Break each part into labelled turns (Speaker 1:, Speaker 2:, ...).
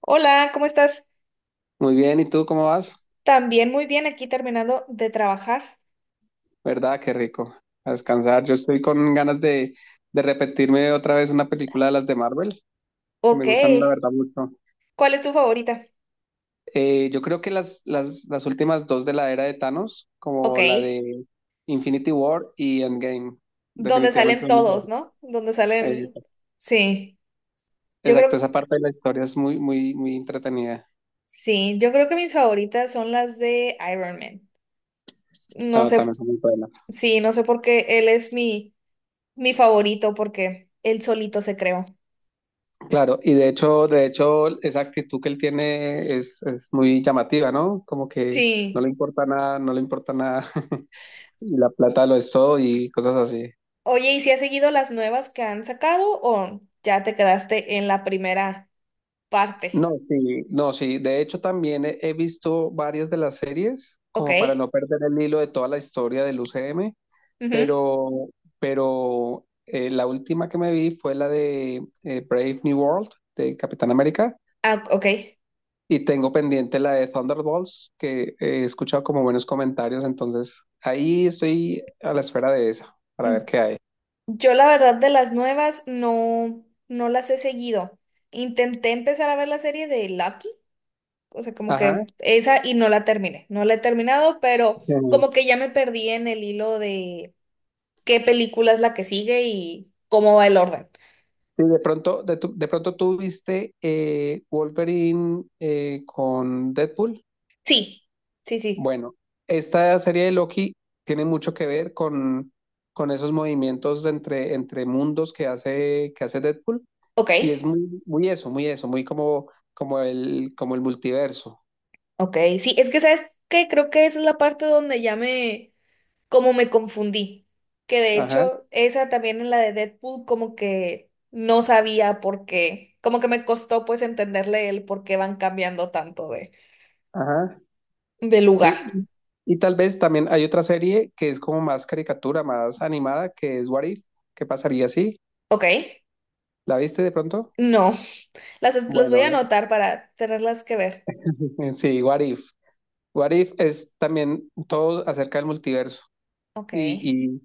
Speaker 1: Hola, ¿cómo estás?
Speaker 2: Muy bien, ¿y tú cómo vas?
Speaker 1: También muy bien, aquí terminando de trabajar.
Speaker 2: ¿Verdad? Qué rico. A descansar. Yo estoy con ganas de repetirme otra vez una película de las de Marvel, que me
Speaker 1: Ok,
Speaker 2: gustan la verdad mucho.
Speaker 1: ¿cuál es tu favorita?
Speaker 2: Yo creo que las últimas dos de la era de Thanos,
Speaker 1: Ok,
Speaker 2: como la de Infinity War y Endgame,
Speaker 1: donde
Speaker 2: definitivamente
Speaker 1: salen
Speaker 2: son mis
Speaker 1: todos,
Speaker 2: favoritas.
Speaker 1: ¿no? Donde salen...
Speaker 2: Eh,
Speaker 1: Sí, yo
Speaker 2: exacto,
Speaker 1: creo...
Speaker 2: esa parte de la historia es muy, muy, muy entretenida.
Speaker 1: Sí, yo creo que mis favoritas son las de Iron Man. No
Speaker 2: Ah,
Speaker 1: sé,
Speaker 2: también son muy buenas.
Speaker 1: sí, no sé por qué él es mi favorito, porque él solito se creó.
Speaker 2: Claro, y de hecho, esa actitud que él tiene es muy llamativa, ¿no? Como que no
Speaker 1: Sí.
Speaker 2: le importa nada, no le importa nada, y la plata lo es todo y cosas así.
Speaker 1: Oye, ¿y si has seguido las nuevas que han sacado o ya te quedaste en la primera
Speaker 2: No,
Speaker 1: parte?
Speaker 2: sí, no, sí. De hecho, también he visto varias de las series,
Speaker 1: Ok.
Speaker 2: como para no perder el hilo de toda la historia del UCM,
Speaker 1: Ujú.
Speaker 2: pero, pero la última que me vi fue la de Brave New World de Capitán América.
Speaker 1: Ah, ok.
Speaker 2: Y tengo pendiente la de Thunderbolts, que he escuchado como buenos comentarios, entonces ahí estoy a la espera de esa, para ver qué hay.
Speaker 1: Yo la verdad de las nuevas no las he seguido. Intenté empezar a ver la serie de Lucky, o sea, como
Speaker 2: Ajá.
Speaker 1: que esa y no la terminé. No la he terminado, pero
Speaker 2: Sí,
Speaker 1: como que ya me perdí en el hilo de qué película es la que sigue y cómo va el orden.
Speaker 2: sí, de pronto, de pronto tú viste Wolverine con Deadpool.
Speaker 1: Sí, sí, sí.
Speaker 2: Bueno, esta serie de Loki tiene mucho que ver con esos movimientos de entre mundos que hace Deadpool.
Speaker 1: Ok,
Speaker 2: Y es muy, muy eso, muy eso, muy como, como el multiverso.
Speaker 1: ok. Sí, es que sabes que creo que esa es la parte donde ya como me confundí. Que de
Speaker 2: Ajá,
Speaker 1: hecho, esa también en la de Deadpool, como que no sabía por qué. Como que me costó pues entenderle el por qué van cambiando tanto
Speaker 2: ajá.
Speaker 1: de lugar.
Speaker 2: Sí, y tal vez también hay otra serie que es como más caricatura, más animada, que es What If. ¿Qué pasaría si?
Speaker 1: Ok.
Speaker 2: ¿La viste de pronto?
Speaker 1: No. Las, las voy
Speaker 2: Bueno,
Speaker 1: a anotar para tenerlas que ver.
Speaker 2: sí, What If. What If es también todo acerca del multiverso
Speaker 1: Ok.
Speaker 2: y, y,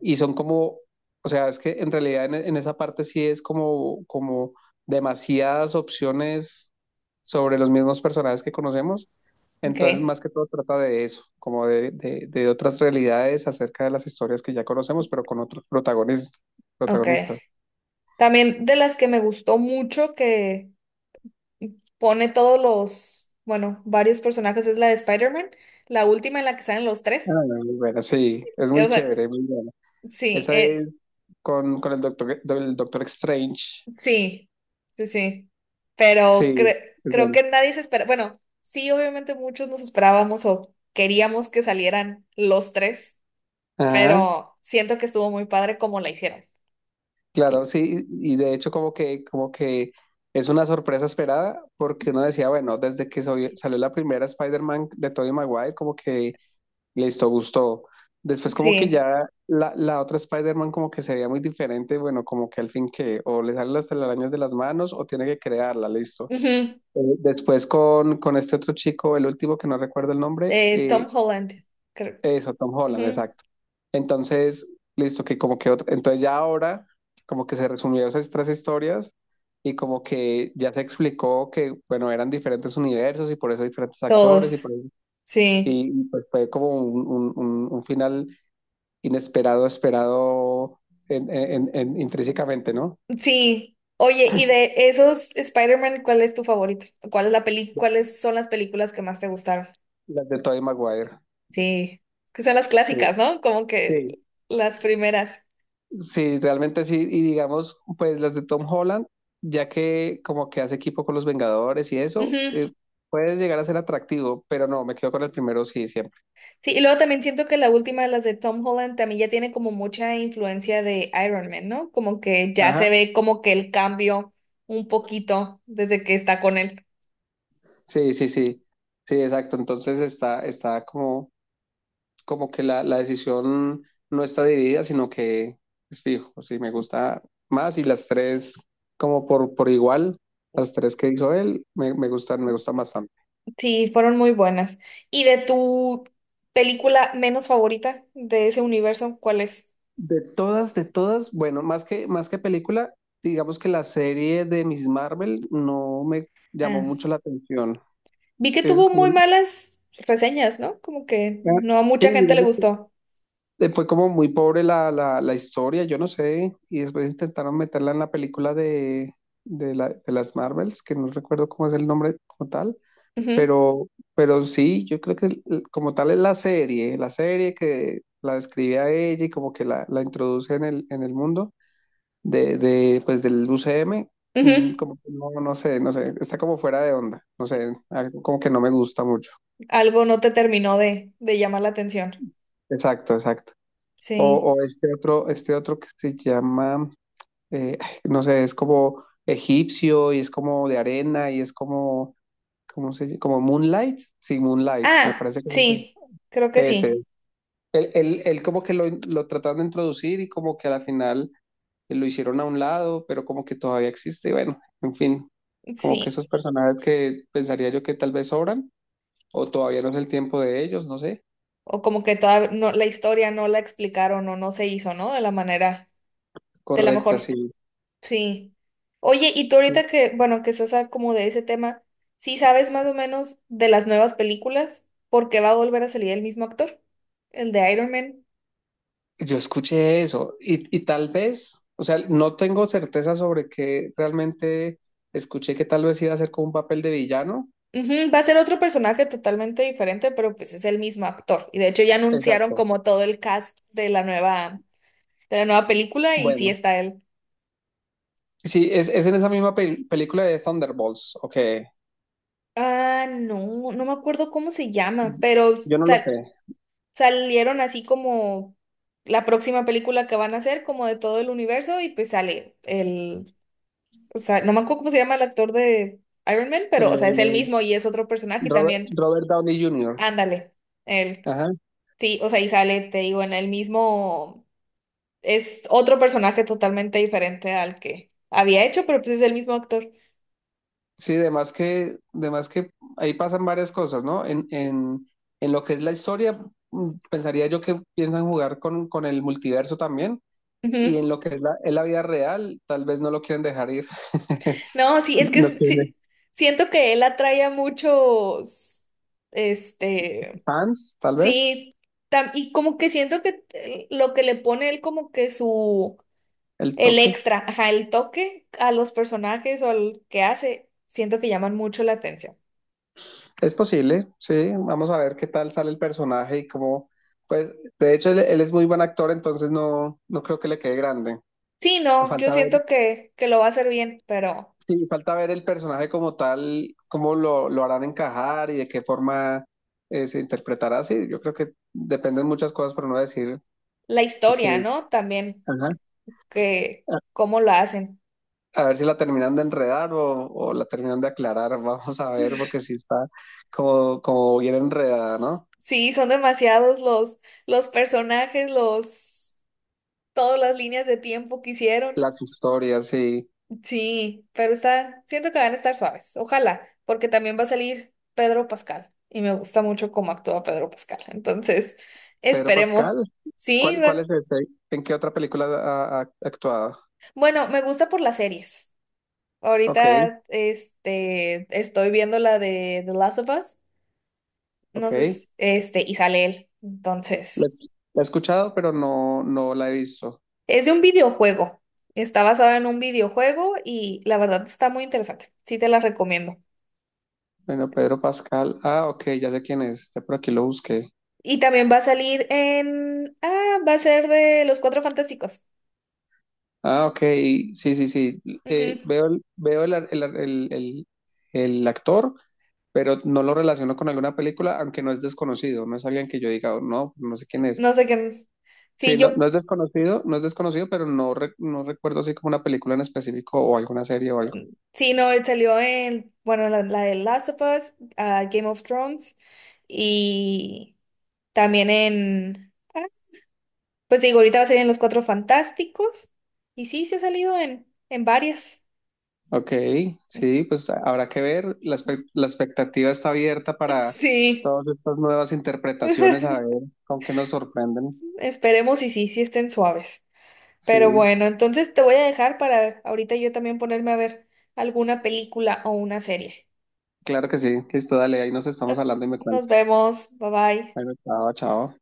Speaker 2: y son como, o sea, es que en realidad en esa parte sí es como, como demasiadas opciones sobre los mismos personajes que conocemos.
Speaker 1: Ok.
Speaker 2: Entonces, más que todo trata de eso, como de otras realidades acerca de las historias que ya conocemos, pero con otros
Speaker 1: Ok.
Speaker 2: protagonistas.
Speaker 1: También de las que me gustó mucho que pone todos los, bueno, varios personajes es la de Spider-Man, la última en la que salen los
Speaker 2: Ah,
Speaker 1: tres.
Speaker 2: muy buena, sí, es muy
Speaker 1: O sea,
Speaker 2: chévere, muy buena.
Speaker 1: sí,
Speaker 2: Esa es con el Doctor Strange.
Speaker 1: Sí, sí, sí. Pero
Speaker 2: Sí, es
Speaker 1: creo
Speaker 2: bueno.
Speaker 1: que nadie se espera. Bueno, sí, obviamente muchos nos esperábamos o queríamos que salieran los tres,
Speaker 2: Ajá,
Speaker 1: pero siento que estuvo muy padre como la hicieron.
Speaker 2: claro, sí, y de hecho como que es una sorpresa esperada, porque uno decía, bueno, desde que salió la primera Spider-Man de Tobey Maguire, como que listo, gustó. Después como que
Speaker 1: Sí.
Speaker 2: ya la otra Spider-Man como que se veía muy diferente, bueno, como que al fin que o le salen las telarañas de las manos o tiene que crearla, listo.
Speaker 1: Ujú.
Speaker 2: Después con este otro chico, el último que no recuerdo el nombre,
Speaker 1: Tom Holland, creo.
Speaker 2: eso, Tom Holland,
Speaker 1: Ujú.
Speaker 2: exacto. Entonces, listo, que como que entonces ya ahora como que se resumieron esas tres historias y como que ya se explicó que, bueno, eran diferentes universos y por eso diferentes actores y
Speaker 1: Todos.
Speaker 2: por eso,
Speaker 1: Sí.
Speaker 2: pues fue como un final inesperado, esperado intrínsecamente, ¿no?
Speaker 1: Sí. Oye, y de esos Spider-Man, ¿cuál es tu favorito? ¿Cuál es la peli, cuáles son las películas que más te gustaron?
Speaker 2: Las de Tobey Maguire.
Speaker 1: Sí. Es que son las
Speaker 2: Sí,
Speaker 1: clásicas, ¿no? Como
Speaker 2: sí.
Speaker 1: que las primeras.
Speaker 2: Sí, realmente sí. Y digamos, pues las de Tom Holland, ya que como que hace equipo con los Vengadores y eso,
Speaker 1: Ujú.
Speaker 2: puede llegar a ser atractivo, pero no, me quedo con el primero, sí, siempre.
Speaker 1: Sí, y luego también siento que la última de las de Tom Holland también ya tiene como mucha influencia de Iron Man, ¿no? Como que ya
Speaker 2: Ajá.
Speaker 1: se ve como que el cambio un poquito desde que está con él.
Speaker 2: Sí, sí, sí. Sí, exacto. Entonces está, está como como que la decisión no está dividida, sino que es fijo, sí, me gusta más y las tres como por igual, las tres que hizo él, me gustan, me gustan bastante.
Speaker 1: Sí, fueron muy buenas. ¿Y de tu película menos favorita de ese universo, cuál es?
Speaker 2: De todas, bueno, más que película, digamos que la serie de Miss Marvel no me llamó
Speaker 1: Ah,
Speaker 2: mucho la atención,
Speaker 1: vi que
Speaker 2: que es
Speaker 1: tuvo
Speaker 2: como,
Speaker 1: muy malas reseñas, ¿no? Como que no a
Speaker 2: sí,
Speaker 1: mucha gente le
Speaker 2: digamos
Speaker 1: gustó.
Speaker 2: fue como muy pobre la historia, yo no sé, y después intentaron meterla en la película de las Marvels, que no recuerdo cómo es el nombre como tal,
Speaker 1: Ujú,
Speaker 2: pero, pero sí, yo creo que como tal es la serie que la describe a ella y como que la introduce en el mundo de pues del UCM. Mm,
Speaker 1: ujú.
Speaker 2: como que no, no sé, no sé, está como fuera de onda, no sé, algo como que no me gusta mucho.
Speaker 1: Algo no te terminó de llamar la atención.
Speaker 2: Exacto, exacto.
Speaker 1: Sí.
Speaker 2: O este otro que se llama, ay, no sé, es como egipcio y es como de arena y es como, ¿cómo se llama? Como Moonlight. Sí, Moonlight, me
Speaker 1: Ah,
Speaker 2: parece que
Speaker 1: sí, creo que
Speaker 2: es ese.
Speaker 1: sí,
Speaker 2: Él, él como que lo trataron de introducir y como que a la final lo hicieron a un lado, pero como que todavía existe. Y bueno, en fin, como que
Speaker 1: sí.
Speaker 2: esos personajes que pensaría yo que tal vez sobran o todavía no es el tiempo de ellos, no sé.
Speaker 1: O como que toda no, la historia no la explicaron o no se hizo, ¿no? De la manera, de la
Speaker 2: Correcta,
Speaker 1: mejor,
Speaker 2: sí.
Speaker 1: sí. Oye, y tú
Speaker 2: Sí.
Speaker 1: ahorita que, bueno, que estás como de ese tema, ¿sí sabes más o menos de las nuevas películas? ¿Por qué va a volver a salir el mismo actor? El de Iron Man.
Speaker 2: Yo escuché eso y tal vez, o sea, no tengo certeza sobre que realmente escuché que tal vez iba a ser como un papel de villano.
Speaker 1: Ujú, va a ser otro personaje totalmente diferente, pero pues es el mismo actor. Y de hecho ya anunciaron
Speaker 2: Exacto.
Speaker 1: como todo el cast de la nueva película y sí
Speaker 2: Bueno,
Speaker 1: está él.
Speaker 2: sí, es en esa misma película de Thunderbolts, ok.
Speaker 1: Ah, no, no me acuerdo cómo se llama, pero
Speaker 2: Yo no lo sé.
Speaker 1: salieron así como la próxima película que van a hacer, como de todo el universo, y pues sale el, o sea, no me acuerdo cómo se llama el actor de Iron Man, pero, o sea, es el
Speaker 2: Eh,
Speaker 1: mismo y es otro personaje y
Speaker 2: Robert,
Speaker 1: también.
Speaker 2: Robert Downey Jr.
Speaker 1: Ándale, él.
Speaker 2: Ajá.
Speaker 1: Sí, o sea, y sale, te digo, en el mismo, es otro personaje totalmente diferente al que había hecho, pero pues es el mismo actor.
Speaker 2: Sí, además que, de más que ahí pasan varias cosas, ¿no? En lo que es la historia, mm, pensaría yo que piensan jugar con el multiverso también. Y en lo que es en la vida real, tal vez no lo quieren dejar ir.
Speaker 1: No, sí, es que
Speaker 2: No quieren
Speaker 1: sí, siento que él atrae a muchos, este,
Speaker 2: fans, tal vez,
Speaker 1: sí, y como que siento que lo que le pone él como que
Speaker 2: el
Speaker 1: el
Speaker 2: toque.
Speaker 1: extra, ajá, el toque a los personajes o al que hace, siento que llaman mucho la atención.
Speaker 2: Es posible, sí. Vamos a ver qué tal sale el personaje y cómo. Pues, de hecho, él es muy buen actor, entonces no, no creo que le quede grande.
Speaker 1: Sí, no, yo
Speaker 2: Falta ver,
Speaker 1: siento que lo va a hacer bien, pero
Speaker 2: sí, falta ver el personaje como tal, cómo lo harán encajar y de qué forma se interpretará. Sí, yo creo que dependen muchas cosas, pero no decir
Speaker 1: la historia,
Speaker 2: que.
Speaker 1: ¿no? También,
Speaker 2: Ajá,
Speaker 1: que cómo lo hacen.
Speaker 2: a ver si la terminan de enredar o la terminan de aclarar. Vamos a ver, porque sí está como, como bien enredada, ¿no?
Speaker 1: Sí, son demasiados los personajes, los... todas las líneas de tiempo que hicieron.
Speaker 2: Las historias, sí.
Speaker 1: Sí, pero está, siento que van a estar suaves. Ojalá, porque también va a salir Pedro Pascal y me gusta mucho cómo actúa Pedro Pascal. Entonces,
Speaker 2: Pedro
Speaker 1: esperemos.
Speaker 2: Pascal,
Speaker 1: Sí,
Speaker 2: ¿cuál es ese? ¿En qué otra película ha actuado?
Speaker 1: bueno, me gusta por las series.
Speaker 2: Ok,
Speaker 1: Ahorita, este, estoy viendo la de The Last of Us. No sé,
Speaker 2: ok.
Speaker 1: este, y sale él.
Speaker 2: La,
Speaker 1: Entonces,
Speaker 2: la he escuchado, pero no, no la he visto.
Speaker 1: es de un videojuego. Está basada en un videojuego y la verdad está muy interesante. Sí, te la recomiendo.
Speaker 2: Bueno, Pedro Pascal. Ah, ok, ya sé quién es. Ya por aquí lo busqué.
Speaker 1: Y también va a salir en... Ah, va a ser de Los Cuatro Fantásticos.
Speaker 2: Ah, ok. Sí, sí, sí.
Speaker 1: Ujú.
Speaker 2: Veo el, veo el actor, pero no lo relaciono con alguna película, aunque no es desconocido, no es alguien que yo diga, "Oh, no, no sé quién es".
Speaker 1: No sé qué...
Speaker 2: Sí,
Speaker 1: Sí, yo...
Speaker 2: no, no es desconocido, no es desconocido, pero no, no recuerdo así como una película en específico o alguna serie o algo.
Speaker 1: Sí, no, él salió en... Bueno, la de Last of Us, ah, Game of Thrones y también en... ah, pues digo, ahorita va a salir en Los Cuatro Fantásticos. Y sí, se ha salido en varias.
Speaker 2: Ok, sí, pues habrá que ver, la, la expectativa está abierta para
Speaker 1: Sí.
Speaker 2: todas estas nuevas interpretaciones, a ver con qué nos sorprenden.
Speaker 1: Esperemos y sí, sí estén suaves. Pero
Speaker 2: Sí,
Speaker 1: bueno, entonces te voy a dejar para ahorita yo también ponerme a ver alguna película o una serie.
Speaker 2: claro que sí, listo, dale, ahí nos estamos
Speaker 1: Ok,
Speaker 2: hablando y me
Speaker 1: nos
Speaker 2: cuentas.
Speaker 1: vemos. Bye bye.
Speaker 2: Bueno, chao, chao.